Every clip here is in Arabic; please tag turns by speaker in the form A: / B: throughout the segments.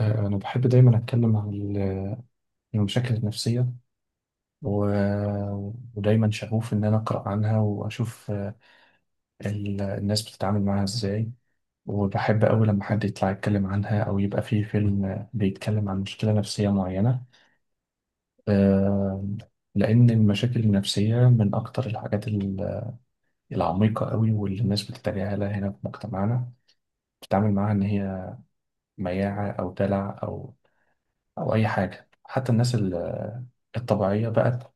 A: أنا بحب دايما أتكلم عن المشاكل النفسية و... ودايما شغوف إن أنا أقرأ عنها وأشوف الناس بتتعامل معاها إزاي، وبحب أوي لما حد يطلع يتكلم عنها أو يبقى فيه فيلم بيتكلم عن مشكلة نفسية معينة. آه، لأن المشاكل النفسية من أكتر الحاجات العميقة أوي واللي الناس بتتجاهلها هنا في مجتمعنا، بتتعامل معاها إن هي مياعة أو دلع أو أي حاجة. حتى الناس الطبيعية بقت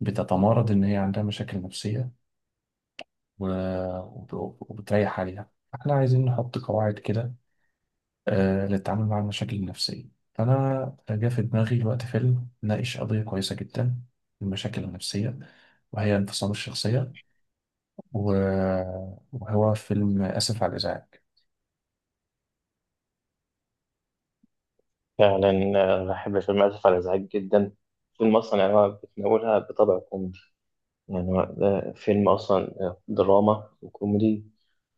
A: بتتمارض إن هي عندها مشاكل نفسية و- وبتريح عليها، فإحنا عايزين نحط قواعد كده للتعامل مع المشاكل النفسية. فأنا جه في دماغي الوقت فيلم ناقش قضية كويسة جدا، المشاكل النفسية، وهي انفصام الشخصية، و- وهو فيلم آسف على الإزعاج.
B: فعلا بحب فيلم آسف على الإزعاج جدا. فيلم أصلا يعني هو بتناولها بطبع كوميدي. يعني هو ده فيلم أصلا دراما وكوميدي،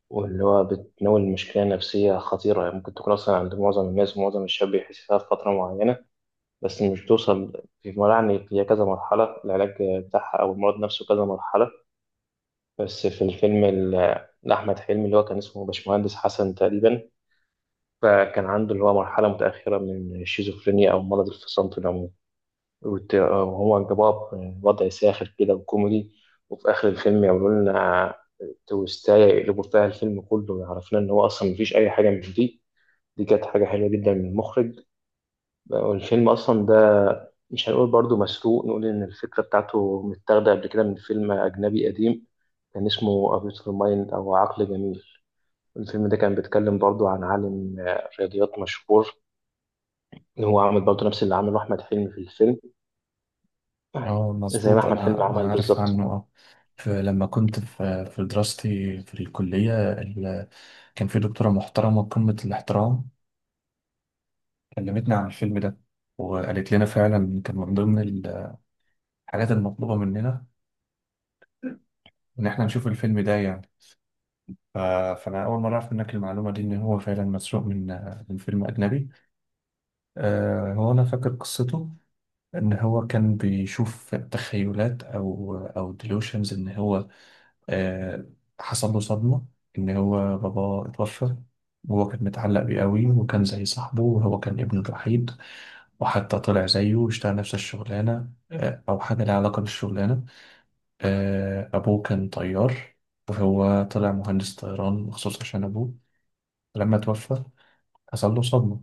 B: واللي هو بتناول مشكلة نفسية خطيرة، يعني ممكن تكون أصلا عند معظم الناس، ومعظم الشباب بيحس فيها في فترة معينة. بس مش بتوصل في مرحلة، يعني هي كذا مرحلة، العلاج بتاعها أو المرض نفسه كذا مرحلة. بس في الفيلم لأحمد حلمي، اللي هو كان اسمه باشمهندس حسن تقريبا، فكان عنده اللي هو مرحلة متأخرة من الشيزوفرينيا أو مرض الفصام في العموم. وهو جابوها بوضع ساخر كده وكوميدي، وفي آخر الفيلم يعملوا لنا تويستاية يقلبوا فيها الفيلم كله، ويعرفنا إن هو أصلا مفيش أي حاجة من دي. دي كانت حاجة حلوة جدا من المخرج. والفيلم أصلا ده مش هنقول برضو مسروق، نقول إن الفكرة بتاعته متاخدة قبل كده من فيلم أجنبي قديم كان اسمه A Beautiful Mind أو عقل جميل. الفيلم ده كان بيتكلم برضو عن عالم رياضيات مشهور، هو عامل برضو نفس اللي عمله أحمد حلمي في الفيلم،
A: اه
B: زي ما
A: مظبوط،
B: أحمد حلمي
A: أنا
B: عمل
A: عارف عنه.
B: بالظبط.
A: اه لما كنت في دراستي في الكلية كان في دكتورة محترمة قمة الاحترام، كلمتنا عن الفيلم ده، وقالت لنا فعلا كان من ضمن الحاجات المطلوبة مننا إن إحنا نشوف الفيلم ده. يعني ف- فأنا أول مرة أعرف منك المعلومة دي إن هو فعلا مسروق من فيلم أجنبي. هو أنا فاكر قصته، إن هو كان بيشوف تخيلات أو ديلوشنز. إن هو آه، حصل له صدمة إن هو باباه اتوفى، وهو كان متعلق بيه قوي وكان زي صاحبه وهو كان ابنه الوحيد، وحتى طلع زيه واشتغل نفس الشغلانة أو حاجة لها علاقة بالشغلانة. أبوه كان طيار، وهو طلع مهندس طيران مخصوص عشان أبوه لما توفى حصل له صدمة،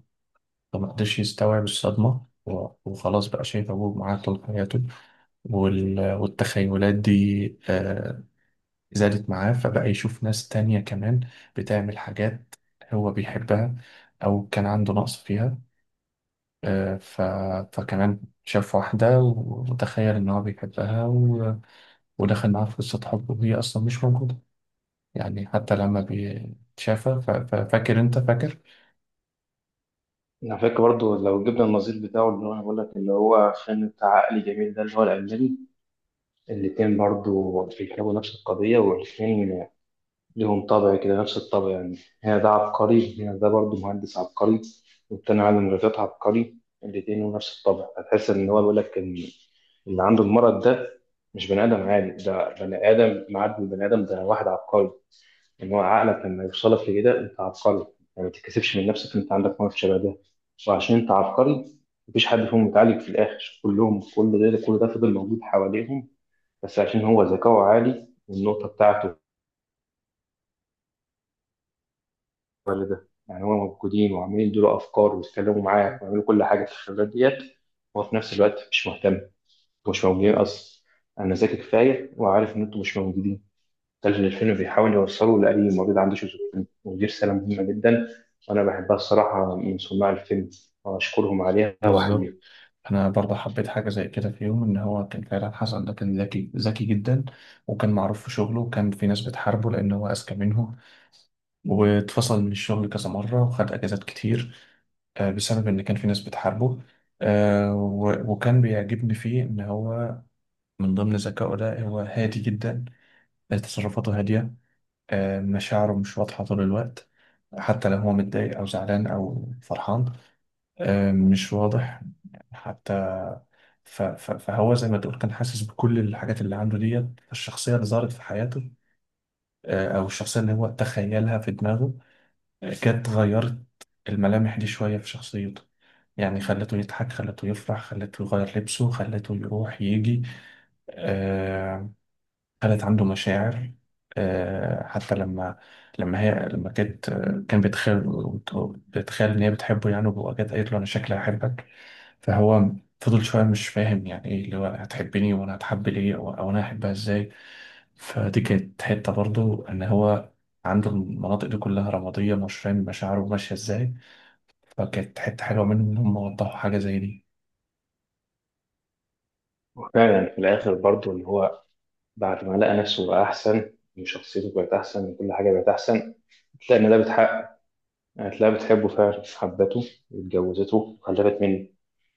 A: فما قدرش يستوعب الصدمة وخلاص بقى شايف أبوه معاه طول حياته. والتخيلات دي آه، زادت معاه، فبقى يشوف ناس تانية كمان بتعمل حاجات هو بيحبها أو كان عنده نقص فيها. آه، ف... فكمان شاف واحدة وتخيل إن هو بيحبها ودخل معاها في قصة حب وهي أصلا مش موجودة، يعني حتى لما بيتشافى. فاكر أنت؟ فاكر
B: على فكرة برضو، لو جبنا النظير بتاعه، اللي هو أنا بقول لك اللي هو فيلم بتاع عقل جميل ده، اللي هو الألماني، الاتنين برضو بيتكلموا نفس القضية، والاتنين ليهم طابع كده، نفس الطابع يعني. هنا ده عبقري، هنا ده برضو مهندس عبقري، والتاني عالم رياضيات عبقري. الاتنين لهم نفس الطابع، هتحس إن هو بيقول لك إن اللي عنده المرض ده مش بني آدم عادي، ده بني آدم معدي، البني آدم ده واحد عبقري. ان هو عقلك لما يوصلك لكده انت عبقري، يعني ما تتكسفش من نفسك ان انت عندك موقف شبه ده، وعشان انت عبقري مفيش حد فيهم متعالج في الاخر، كلهم كل ده كل ده فضل موجود حواليهم، بس عشان هو ذكاؤه عالي، والنقطه بتاعته ده، يعني هو موجودين وعمالين يدوا افكار ويتكلموا معاك ويعملوا كل حاجه في الخبرات ديت، وهو في نفس الوقت مش مهتم. مش موجودين اصلا، انا ذكي كفايه وعارف ان انتوا مش موجودين. مسلسل الفيلم بيحاول يوصله لأي مريض عنده شيزوفرينيا، ودي رسالة مهمة جدا، وأنا بحبها الصراحة من صناع الفيلم، وأشكرهم عليها
A: بالظبط.
B: وأحييهم.
A: أنا برضه حبيت حاجة زي كده في يوم، إن هو كان فعلا حسن ده كان ذكي جدا وكان معروف في شغله، وكان في ناس بتحاربه لأن هو أذكى منهم، واتفصل من الشغل كذا مرة وخد أجازات كتير بسبب إن كان في ناس بتحاربه. وكان بيعجبني فيه إن هو من ضمن ذكائه ده هو هادي جدا، تصرفاته هادية، مشاعره مش واضحة طول الوقت، حتى لو هو متضايق أو زعلان أو فرحان مش واضح حتى. فهو زي ما تقول كان حاسس بكل الحاجات اللي عنده ديت. الشخصية اللي ظهرت في حياته، أو الشخصية اللي هو تخيلها في دماغه، جت غيرت الملامح دي شوية في شخصيته، يعني خلته يضحك، خلته يفرح، خلته يغير لبسه، خلته يروح يجي. آه، كانت عنده مشاعر. حتى لما لما هي لما كانت كان بيتخيل، بيتخيل ان هي بتحبه يعني، وكانت قالت له انا شكلي هحبك، فهو فضل شويه مش فاهم يعني ايه اللي هو هتحبني وانا هتحب ليه، او انا هحبها ازاي. فدي كانت حته برضو ان هو عنده المناطق دي كلها رماديه مش فاهم مشاعره ماشيه ازاي، فكانت حته حلوه منهم ان هم وضحوا حاجه زي دي.
B: وفعلا في الآخر برضو إن هو بعد ما لقى نفسه بقى أحسن، وشخصيته بقت أحسن، وكل حاجة بقت أحسن، هتلاقي إن ده بتحقق، هتلاقيها بتحبه فعلا، حبته واتجوزته وخلفت منه.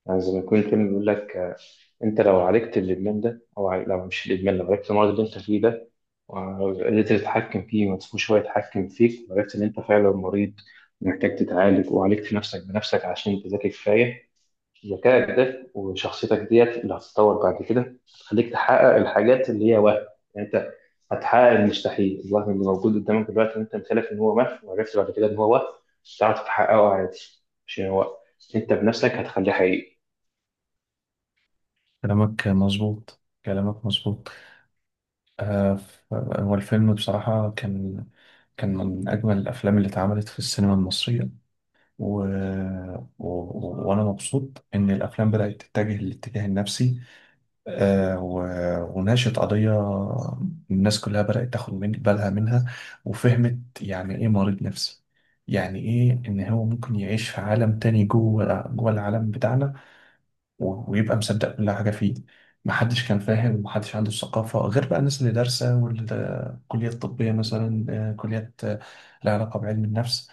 B: يعني زي ما يكون الفيلم بيقول لك انت لو عالجت الادمان ده، او لو مش الادمان، لو عالجت المرض اللي انت فيه ده، وقدرت تتحكم فيه وما تسيبوش هو يتحكم فيك، وعرفت ان انت فعلا مريض محتاج تتعالج، وعالجت نفسك بنفسك عشان تذاكر كفايه، ذكائك ده وشخصيتك ديت اللي هتتطور بعد كده هتخليك تحقق الحاجات اللي هي وهم. يعني انت هتحقق المستحيل، الوهم اللي موجود قدامك دلوقتي ان انت مثالك ان هو وهم، وعرفت بعد كده ان هو وهم، تعرف تحققه عادي، عشان هو انت بنفسك هتخليه حقيقي.
A: كلامك مظبوط. هو الفيلم بصراحة كان من أجمل الأفلام اللي اتعملت في السينما المصرية. و... وأنا مبسوط إن الأفلام بدأت تتجه للاتجاه النفسي آه و... وناقشت قضية الناس كلها بدأت تاخد من بالها منها، وفهمت يعني إيه مريض نفسي، يعني إيه إن هو ممكن يعيش في عالم تاني جوه العالم بتاعنا ويبقى مصدق كل حاجة فيه. محدش كان فاهم ومحدش عنده الثقافة، غير بقى الناس اللي دارسة والكليات الطبية مثلا، كليات لها علاقة بعلم النفس،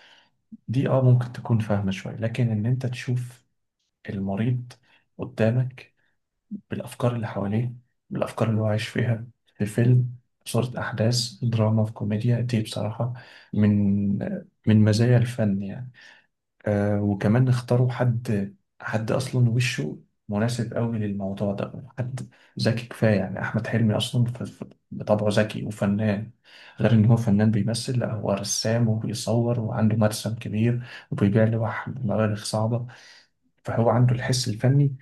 A: دي اه ممكن تكون فاهمة شوية. لكن ان انت تشوف المريض قدامك بالافكار اللي حواليه، بالافكار اللي هو عايش فيها، في فيلم، في صورة احداث دراما في كوميديا، دي بصراحة من مزايا الفن يعني. وكمان اختاروا حد اصلا وشه مناسب قوي للموضوع ده، حد ذكي كفايه. يعني احمد حلمي اصلا بطبعه ذكي وفنان، غير ان هو فنان بيمثل، لا هو رسام وبيصور وعنده مرسم كبير وبيبيع لوح بمبالغ صعبه. فهو عنده الحس الفني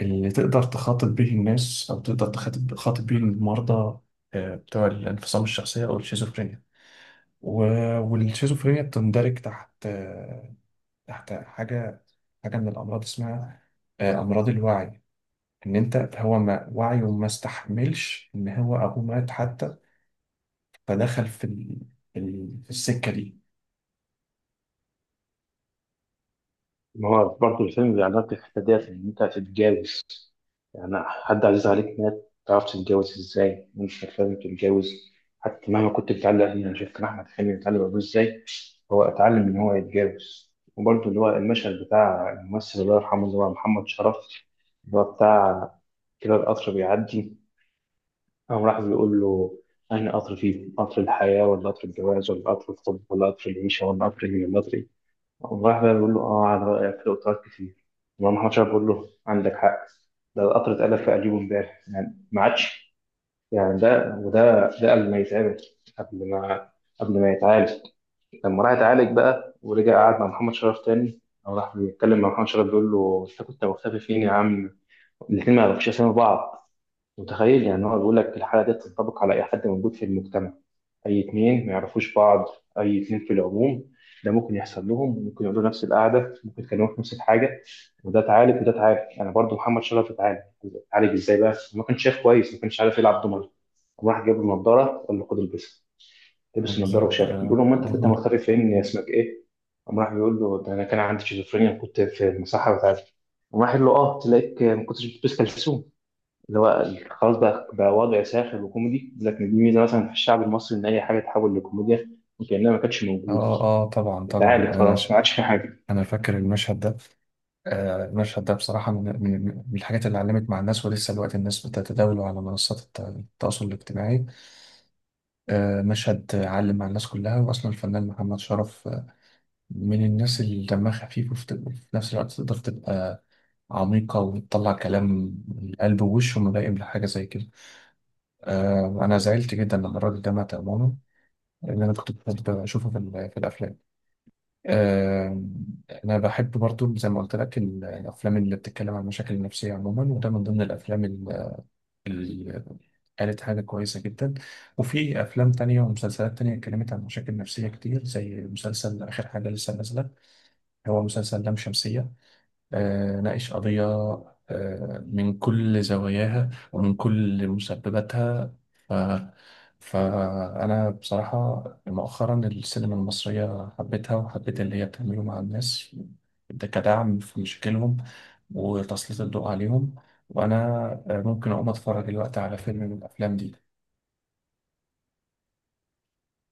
A: اللي تقدر تخاطب به الناس او تقدر تخاطب به المرضى بتوع الانفصام الشخصيه او الشيزوفرينيا. والشيزوفرينيا بتندرج تحت تحت حاجة من الأمراض اسمها أمراض الوعي، إن أنت هو ما وعيه ما استحملش إن هو أبوه مات حتى، فدخل في في السكة دي.
B: ما هو برضه الفيلم بيعرض لك الحتة ديت، إن أنت هتتجوز، يعني حد عزيز عليك مات، متعرفش تتجوز إزاي، مش فاهم تتجوز حتى مهما كنت متعلق بيه. أنا شفت أحمد حلمي متعلق بأبوه إزاي، هو اتعلم إن هو يتجوز، وبرضه اللي هو المشهد بتاع الممثل الله يرحمه اللي هو محمد شرف، اللي هو بتاع كده، القطر بيعدي، قام راح بيقول له أنا قطر، فيه قطر الحياة ولا قطر الجواز ولا قطر الحب ولا قطر العيشة ولا قطر إيه ولا قطر إيه؟" والله بقى بقول له اه، على رأيك في قطارات كتير. والله محمد شاف بقول له عندك حق، ده القطر اتقلب في قليبه امبارح يعني، ما عادش، يعني ده وده ده قبل ما يتعمل، قبل ما يتعالج. لما راح يتعالج بقى ورجع قعد مع محمد شرف تاني، او راح بيتكلم مع محمد شرف بيقول له انت كنت مختفي فين يا عم، الاثنين ما يعرفوش اسامي بعض. متخيل؟ يعني هو بيقول لك الحاله دي تنطبق على اي حد موجود في المجتمع، اي اتنين ما يعرفوش بعض، اي اتنين في العموم، ده ممكن يحصل لهم، ممكن يقعدوا نفس القعده، ممكن يتكلموا في نفس الحاجه، وده اتعالج وده اتعالج، انا برضو محمد شرف اتعالج. اتعالج ازاي بقى؟ ما كانش شايف كويس، ما كانش عارف يلعب دومنه، راح جاب له نضاره، قال له خد البسها، لبس النضاره
A: بالظبط.
B: وشافه بيقول له ما انت كنت
A: جميل.
B: مختفي فين؟ اسمك ايه؟ قام راح بيقول له ده انا كان عندي شيزوفرينيا، كنت في المصحه بتاعتي، قام راح قال له اه، تلاقيك ما كنتش بتلبس كلسون، اللي هو خلاص. بقى وضع ساخر وكوميدي، لكن دي ميزه مثلا في الشعب المصري ان اي حاجه تحول لكوميديا، وكانها ما كانتش موجوده،
A: اه اه طبعا طبعا.
B: اتعالج خلاص ما عادش في حاجه.
A: انا فاكر المشهد ده. المشهد ده بصراحه من الحاجات اللي علمت مع الناس، ولسه دلوقتي الناس بتتداوله على منصات التواصل الاجتماعي. مشهد علم مع الناس كلها. واصلا الفنان محمد شرف من الناس اللي دمها خفيف، وفي في نفس الوقت تقدر تبقى عميقة وتطلع كلام من القلب، ووشه ملائم لحاجة زي كده. أنا زعلت جدا لما الراجل ده مات أمانه، لأن أنا كنت بحب أشوفه في الأفلام. آه أنا بحب برضو زي ما قلت لك الأفلام اللي بتتكلم عن المشاكل النفسية عموما، وده من ضمن الأفلام اللي قالت حاجة كويسة جدا. وفي أفلام تانية ومسلسلات تانية اتكلمت عن مشاكل نفسية كتير، زي مسلسل آخر حاجة لسه نازلة، هو مسلسل لام شمسية. ناقش قضية من كل زواياها ومن كل مسبباتها. ف... فأنا بصراحة مؤخرا السينما المصرية حبيتها، وحبيت اللي هي بتعمله مع الناس ده كدعم في مشاكلهم وتسليط الضوء عليهم. وأنا ممكن أقوم أتفرج دلوقتي على فيلم من الأفلام دي.